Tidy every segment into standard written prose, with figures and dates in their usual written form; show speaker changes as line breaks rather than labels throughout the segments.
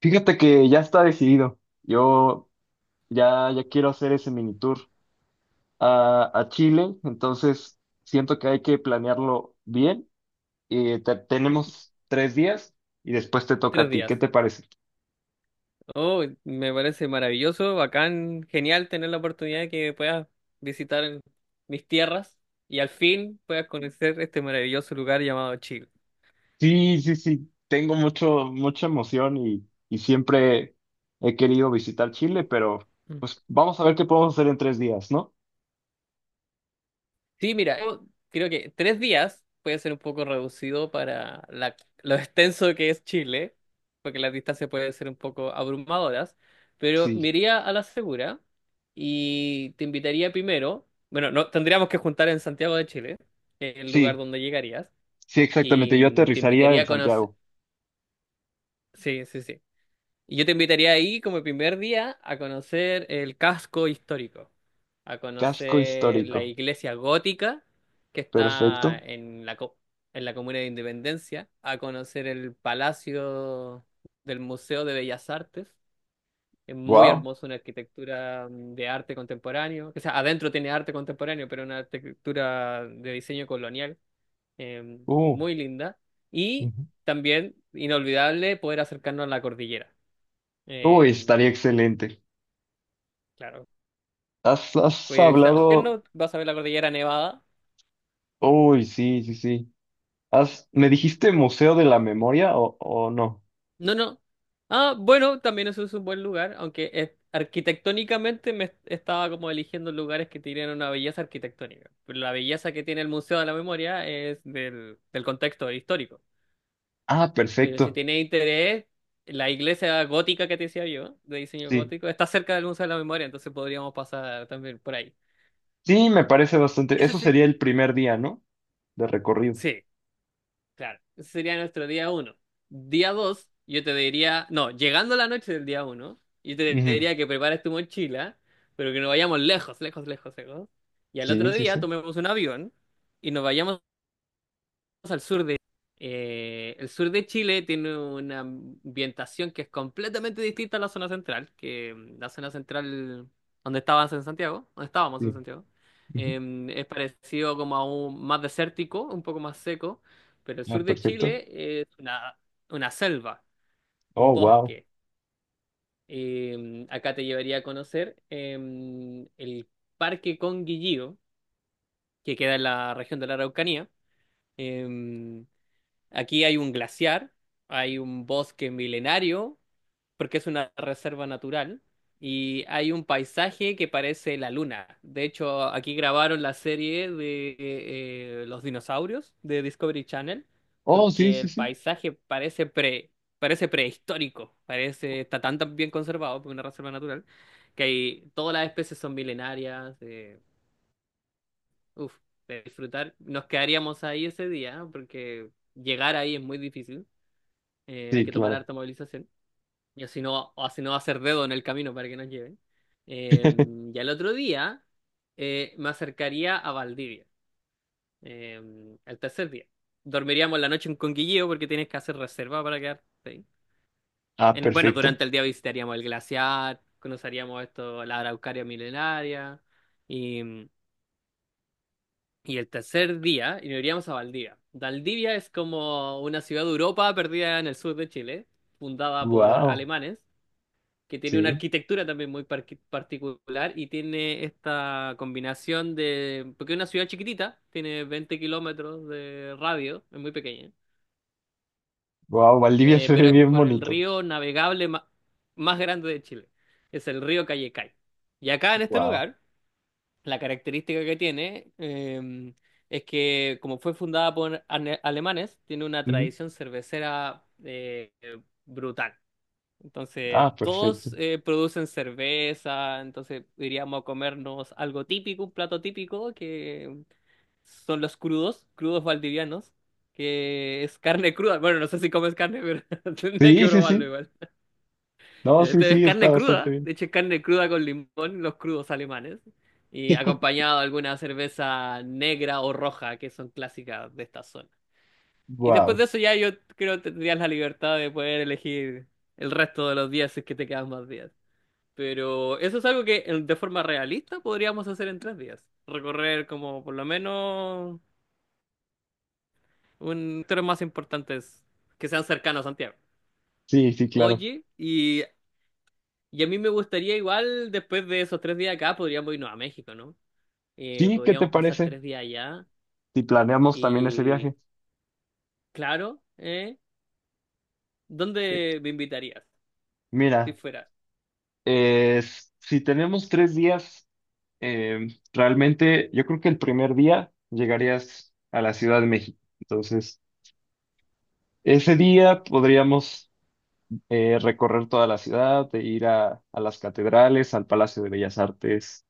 Fíjate que ya está decidido. Yo ya, ya quiero hacer ese mini tour a Chile, entonces siento que hay que planearlo bien. Tenemos 3 días y después te toca a
Tres
ti. ¿Qué
días.
te parece?
Oh, me parece maravilloso, bacán, genial tener la oportunidad de que puedas visitar mis tierras y al fin puedas conocer este maravilloso lugar llamado Chile.
Sí, sí, sí. Tengo mucha emoción y siempre he querido visitar Chile, pero
Mm.
pues vamos a ver qué podemos hacer en 3 días, ¿no?
Sí, mira, yo creo que tres días puede ser un poco reducido para lo extenso que es Chile, porque las distancias pueden ser un poco abrumadoras, pero me
Sí,
iría a la segura y te invitaría primero, bueno, no, tendríamos que juntar en Santiago de Chile, que es el lugar
sí,
donde llegarías.
sí,
Y
exactamente. Yo
te
aterrizaría
invitaría
en
a conocer.
Santiago.
Sí, sí, sí. Y yo te invitaría ahí como primer día a conocer el casco histórico, a
Casco
conocer
histórico.
la iglesia gótica que está
Perfecto.
en en la comuna de Independencia, a conocer el palacio del Museo de Bellas Artes. Es muy
Wow.
hermoso, una arquitectura de arte contemporáneo. O sea, adentro tiene arte contemporáneo, pero una arquitectura de diseño colonial eh, muy linda. Y
Ujú.
también, inolvidable, poder acercarnos a la cordillera.
Uy,
Eh,
estaría excelente.
claro,
Has
voy a visitar
hablado.
Osorno, vas a ver la cordillera nevada.
Uy, sí, sí, sí. ¿Me
¿Mm?
dijiste Museo de la Memoria o no?
No, no. Ah, bueno, también eso es un buen lugar, aunque arquitectónicamente me estaba como eligiendo lugares que tienen una belleza arquitectónica. Pero la belleza que tiene el Museo de la Memoria es del contexto histórico.
Ah,
Pero si
perfecto.
tienes interés, la iglesia gótica que te decía yo, de diseño
Sí.
gótico, está cerca del Museo de la Memoria, entonces podríamos pasar también por ahí.
Sí, me parece bastante.
Ese
Eso
sí.
sería el primer día, ¿no? De recorrido.
Sí, claro. Ese sería nuestro día uno. Día dos, yo te diría, no, llegando la noche del día uno, yo te
Ujú.
diría que prepares tu mochila, pero que nos vayamos lejos, lejos, lejos, lejos. Y al otro
Sí, sí,
día
sí.
tomemos un avión y nos vayamos al sur de... el sur de Chile tiene una ambientación que es completamente distinta a la zona central, que la zona central donde estabas en Santiago, donde estábamos en
Sí.
Santiago,
Ujú.
es parecido como a un más desértico, un poco más seco, pero el
Ah,
sur de
perfecto.
Chile es una selva, un
Oh, wow.
bosque. Acá te llevaría a conocer el Parque Conguillío, que queda en la región de la Araucanía. Em, Aquí hay un glaciar, hay un bosque milenario, porque es una reserva natural, y hay un paisaje que parece la luna. De hecho, aquí grabaron la serie de los dinosaurios de Discovery Channel,
Oh, sí,
porque
sí,
el
sí.
paisaje parece prehistórico, parece, está tan, tan bien conservado, porque es una reserva natural, que hay, todas las especies son milenarias. Uf, de disfrutar, nos quedaríamos ahí ese día, porque llegar ahí es muy difícil. Hay
Sí,
que tomar
claro.
harta movilización. Y así no, o así no va a ser dedo en el camino para que nos lleven. Eh, y al otro día me acercaría a Valdivia. Eh, al tercer día. Dormiríamos la noche en Conguilleo porque tienes que hacer reserva para quedarte ahí.
Ah,
Bueno,
perfecto.
durante el día visitaríamos el glaciar, conoceríamos esto, la Araucaria milenaria. Y, y el tercer día y nos iríamos a Valdivia. Valdivia es como una ciudad de Europa perdida en el sur de Chile, fundada por
Wow.
alemanes que tiene una
Sí.
arquitectura también muy particular y tiene esta combinación de, porque es una ciudad chiquitita, tiene 20 kilómetros de radio, es muy pequeña,
Wow, Valdivia se
pero
ve
es
bien
por el
bonito.
río navegable más grande de Chile, es el río Callecay. Y acá en este
Wow.
lugar, la característica que tiene es que como fue fundada por alemanes, tiene una
Ujú.
tradición cervecera brutal. Entonces,
Ah, perfecto.
todos producen cerveza, entonces iríamos a comernos algo típico, un plato típico, que son los crudos, crudos valdivianos, que es carne cruda. Bueno, no sé si comes carne, pero tendría que
Sí, sí,
probarlo
sí.
igual.
No,
Y
sí,
este es
sí, está
carne
bastante
cruda,
bien.
de hecho es carne cruda con limón, los crudos alemanes, y acompañado de alguna cerveza negra o roja, que son clásicas de esta zona. Y después
Wow.
de eso ya yo creo que tendrías la libertad de poder elegir el resto de los días si es que te quedan más días. Pero eso es algo que de forma realista podríamos hacer en tres días. Recorrer como por lo menos un tres más importantes que sean cercanos a Santiago.
Sí, sí, claro.
Oye, y a mí me gustaría igual después de esos tres días acá podríamos irnos a México, ¿no?
Sí, ¿qué te
Podríamos pasar
parece
tres días allá
si planeamos también ese
y
viaje?
claro, ¿eh?
Eh,
¿Dónde me invitarías si
mira,
fuera?
si tenemos 3 días, eh, realmente yo creo que el primer día llegarías a la Ciudad de México. Entonces, ese día podríamos recorrer toda la ciudad, e ir a las catedrales, al Palacio de Bellas Artes,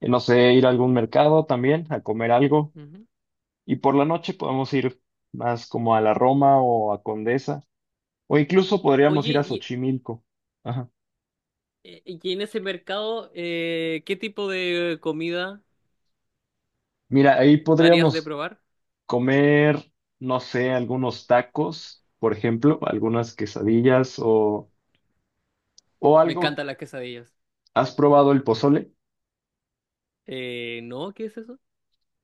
no sé, ir a algún mercado también, a comer algo.
Ujú.
Y por la noche podemos ir más como a la Roma o a Condesa, o incluso podríamos ir
Oye,
a Xochimilco. Ajá.
y en ese mercado, ¿qué tipo de comida
Mira, ahí
me harías de
podríamos
probar?
comer, no sé, algunos tacos, por ejemplo, algunas quesadillas o
Me
algo.
encantan las quesadillas.
¿Has probado el pozole?
No, ¿qué es eso?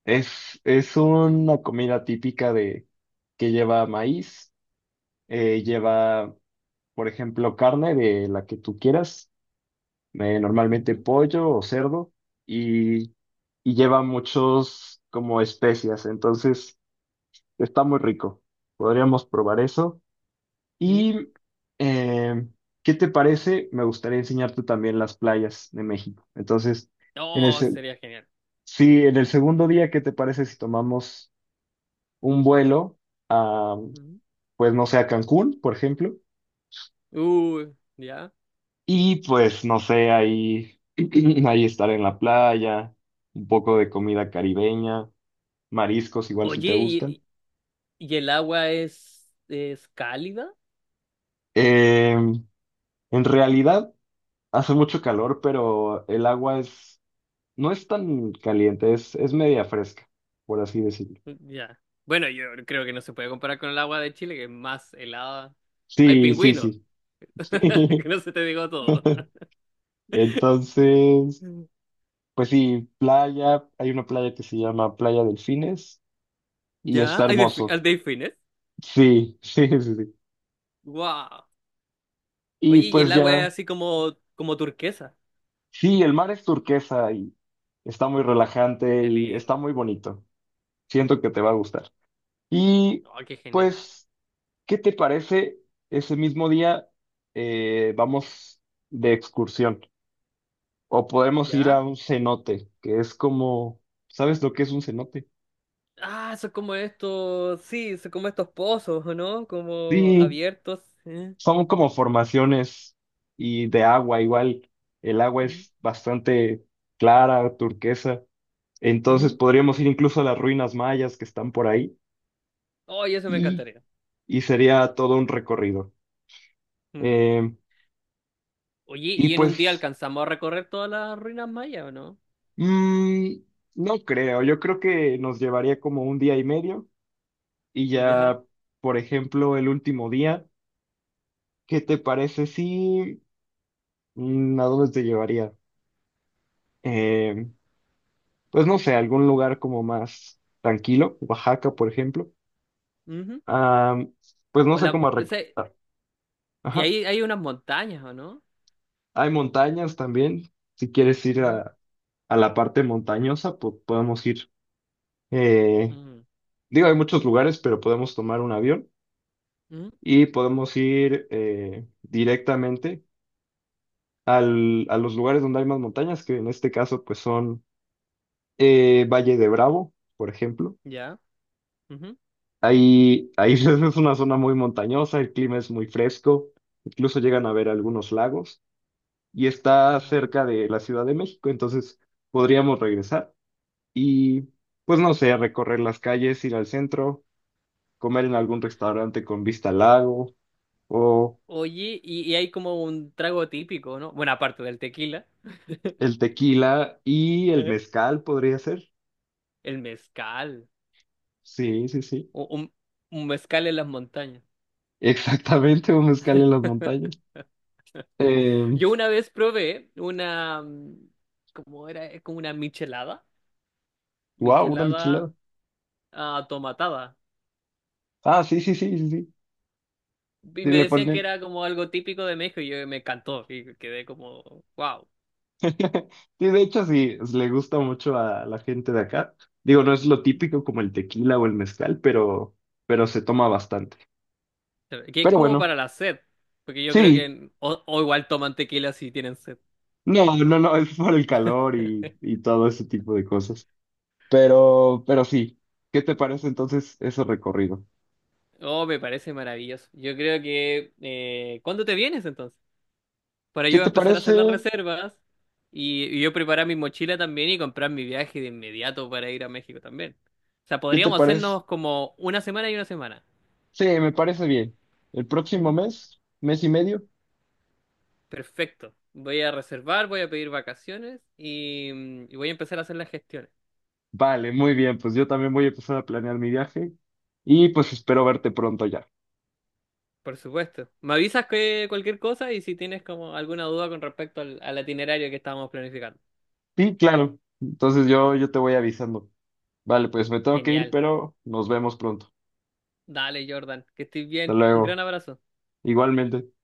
Es una comida típica de que lleva maíz, lleva, por ejemplo, carne de la que tú quieras, normalmente
Ujú,
pollo o cerdo, y, y lleva muchos como especias, entonces está muy rico. Podríamos probar eso.
ujú.
Y, eh, ¿qué te parece? Me gustaría enseñarte también las playas de México. Entonces, en el,
Oh,
se-
sería genial.
sí, en el segundo día, ¿qué te parece si tomamos un vuelo a,
Ujú.
pues no sé, a Cancún, por ejemplo?
Uy, ya.
Y pues no sé, ahí, ahí estar en la playa, un poco de comida caribeña. Mariscos igual si te
Oye,
gustan.
¿y el agua es cálida?
Em, en realidad hace mucho calor, pero el agua es, no es tan caliente, es media fresca, por así decirlo.
Mm, ya. Bueno, yo creo que no se puede comparar con el agua de Chile, que es más helada. Hay
Sí, sí,
pingüinos,
sí.
que no se te digo todo.
Entonces,
Mm.
pues sí, playa, hay una playa que se llama Playa Delfines y
¿Ya?
está hermoso.
¿Hay delfines?
Sí, sí, sí, sí.
¡Wow!
Y
Oye, y
pues
el agua es
ya,
así como, como turquesa.
sí, el mar es turquesa y está muy relajante
Qué
y está
lindo.
muy bonito. Siento que te va a gustar. Y
Oh, qué genial.
pues, ¿qué te parece? Ese mismo día vamos de excursión o podemos ir a
¿Ya?
un cenote, que es como, ¿sabes lo que es un cenote?
Ah, son como estos, sí, son como estos pozos, ¿o ¿no? Como
Sí,
abiertos. eh,
son como formaciones y de agua, igual el agua
mm,
es bastante clara, turquesa, entonces
mm.
podríamos ir incluso a las ruinas mayas que están por ahí,
Oh, y eso me
y,
encantaría.
y sería todo un recorrido.
Mm.
Em,
Oye,
y
¿y en un día
pues
alcanzamos a recorrer todas las ruinas mayas, o no?
Mm, no creo, yo creo que nos llevaría como un día y medio y
Ya.
ya, por ejemplo, el último día, ¿qué te parece si a dónde te llevaría? Eh, pues no sé, algún lugar como más tranquilo, Oaxaca, por ejemplo.
Ujú.
Ah, pues no
O
sé
la,
cómo
o sea,
recordar.
y
Ajá.
ahí hay unas montañas, ¿o no?
Hay montañas también, si quieres ir
Ujú,
a la parte montañosa, pues podemos ir. Eh,
ujú,
digo, hay muchos lugares, pero podemos tomar un avión.
ujú,
Y podemos ir, directamente a los lugares donde hay más montañas, que en este caso pues son, Valle de Bravo, por ejemplo.
ya. Ujú.
Ahí es una zona muy montañosa, el clima es muy fresco, incluso llegan a ver algunos lagos y está
Ah, bueno.
cerca de la Ciudad de México, entonces podríamos regresar y pues no sé, recorrer las calles, ir al centro, comer en algún restaurante con vista al lago o
Oye, y hay como un trago típico, ¿no? Bueno, aparte del tequila,
el tequila y el
eh,
mezcal podría ser.
el mezcal.
Sí, sí, sí.
O, un, un mezcal en las montañas.
Exactamente, un mezcal en las montañas. Eh,
Yo una vez probé una, ¿cómo era? Es como una michelada,
wow, una
michelada
michelada.
ah, tomatada.
Ah, sí, sí, sí, sí, sí.
Y
Sí,
me
le
decían que
ponen.
era como algo típico de México y yo me encantó y quedé como, wow.
Sí, de hecho, sí, le gusta mucho a la gente de acá. Digo, no es lo típico como el tequila o el mezcal, pero se toma bastante.
Que es
Pero
como
bueno,
para la sed, porque yo creo
sí.
que o igual toman tequila si tienen sed.
No, no, no, es por el calor y todo ese tipo de cosas. Pero sí. ¿Qué te parece entonces ese recorrido?
Oh, me parece maravilloso. Yo creo que... ¿cuándo te vienes entonces? Para
¿Qué
yo
te
empezar a hacer
parece?
las reservas y yo preparar mi mochila también y comprar mi viaje de inmediato para ir a México también. O sea,
¿Qué te
podríamos
parece?
hacernos como una semana y una semana.
Sí, me parece bien. El próximo
Ujú.
mes, mes y medio.
Perfecto. Voy a reservar, voy a pedir vacaciones y, y voy a empezar a hacer las gestiones.
Vale, muy bien, pues yo también voy a empezar a planear mi viaje y pues espero verte pronto ya.
Por supuesto. Me avisas que cualquier cosa y si tienes como alguna duda con respecto al, al itinerario que estábamos planificando.
Sí, claro. Entonces yo te voy avisando. Vale, pues me tengo que ir,
Genial.
pero nos vemos pronto.
Dale, Jordan, que estés
Hasta
bien. Un
luego.
gran abrazo.
Igualmente.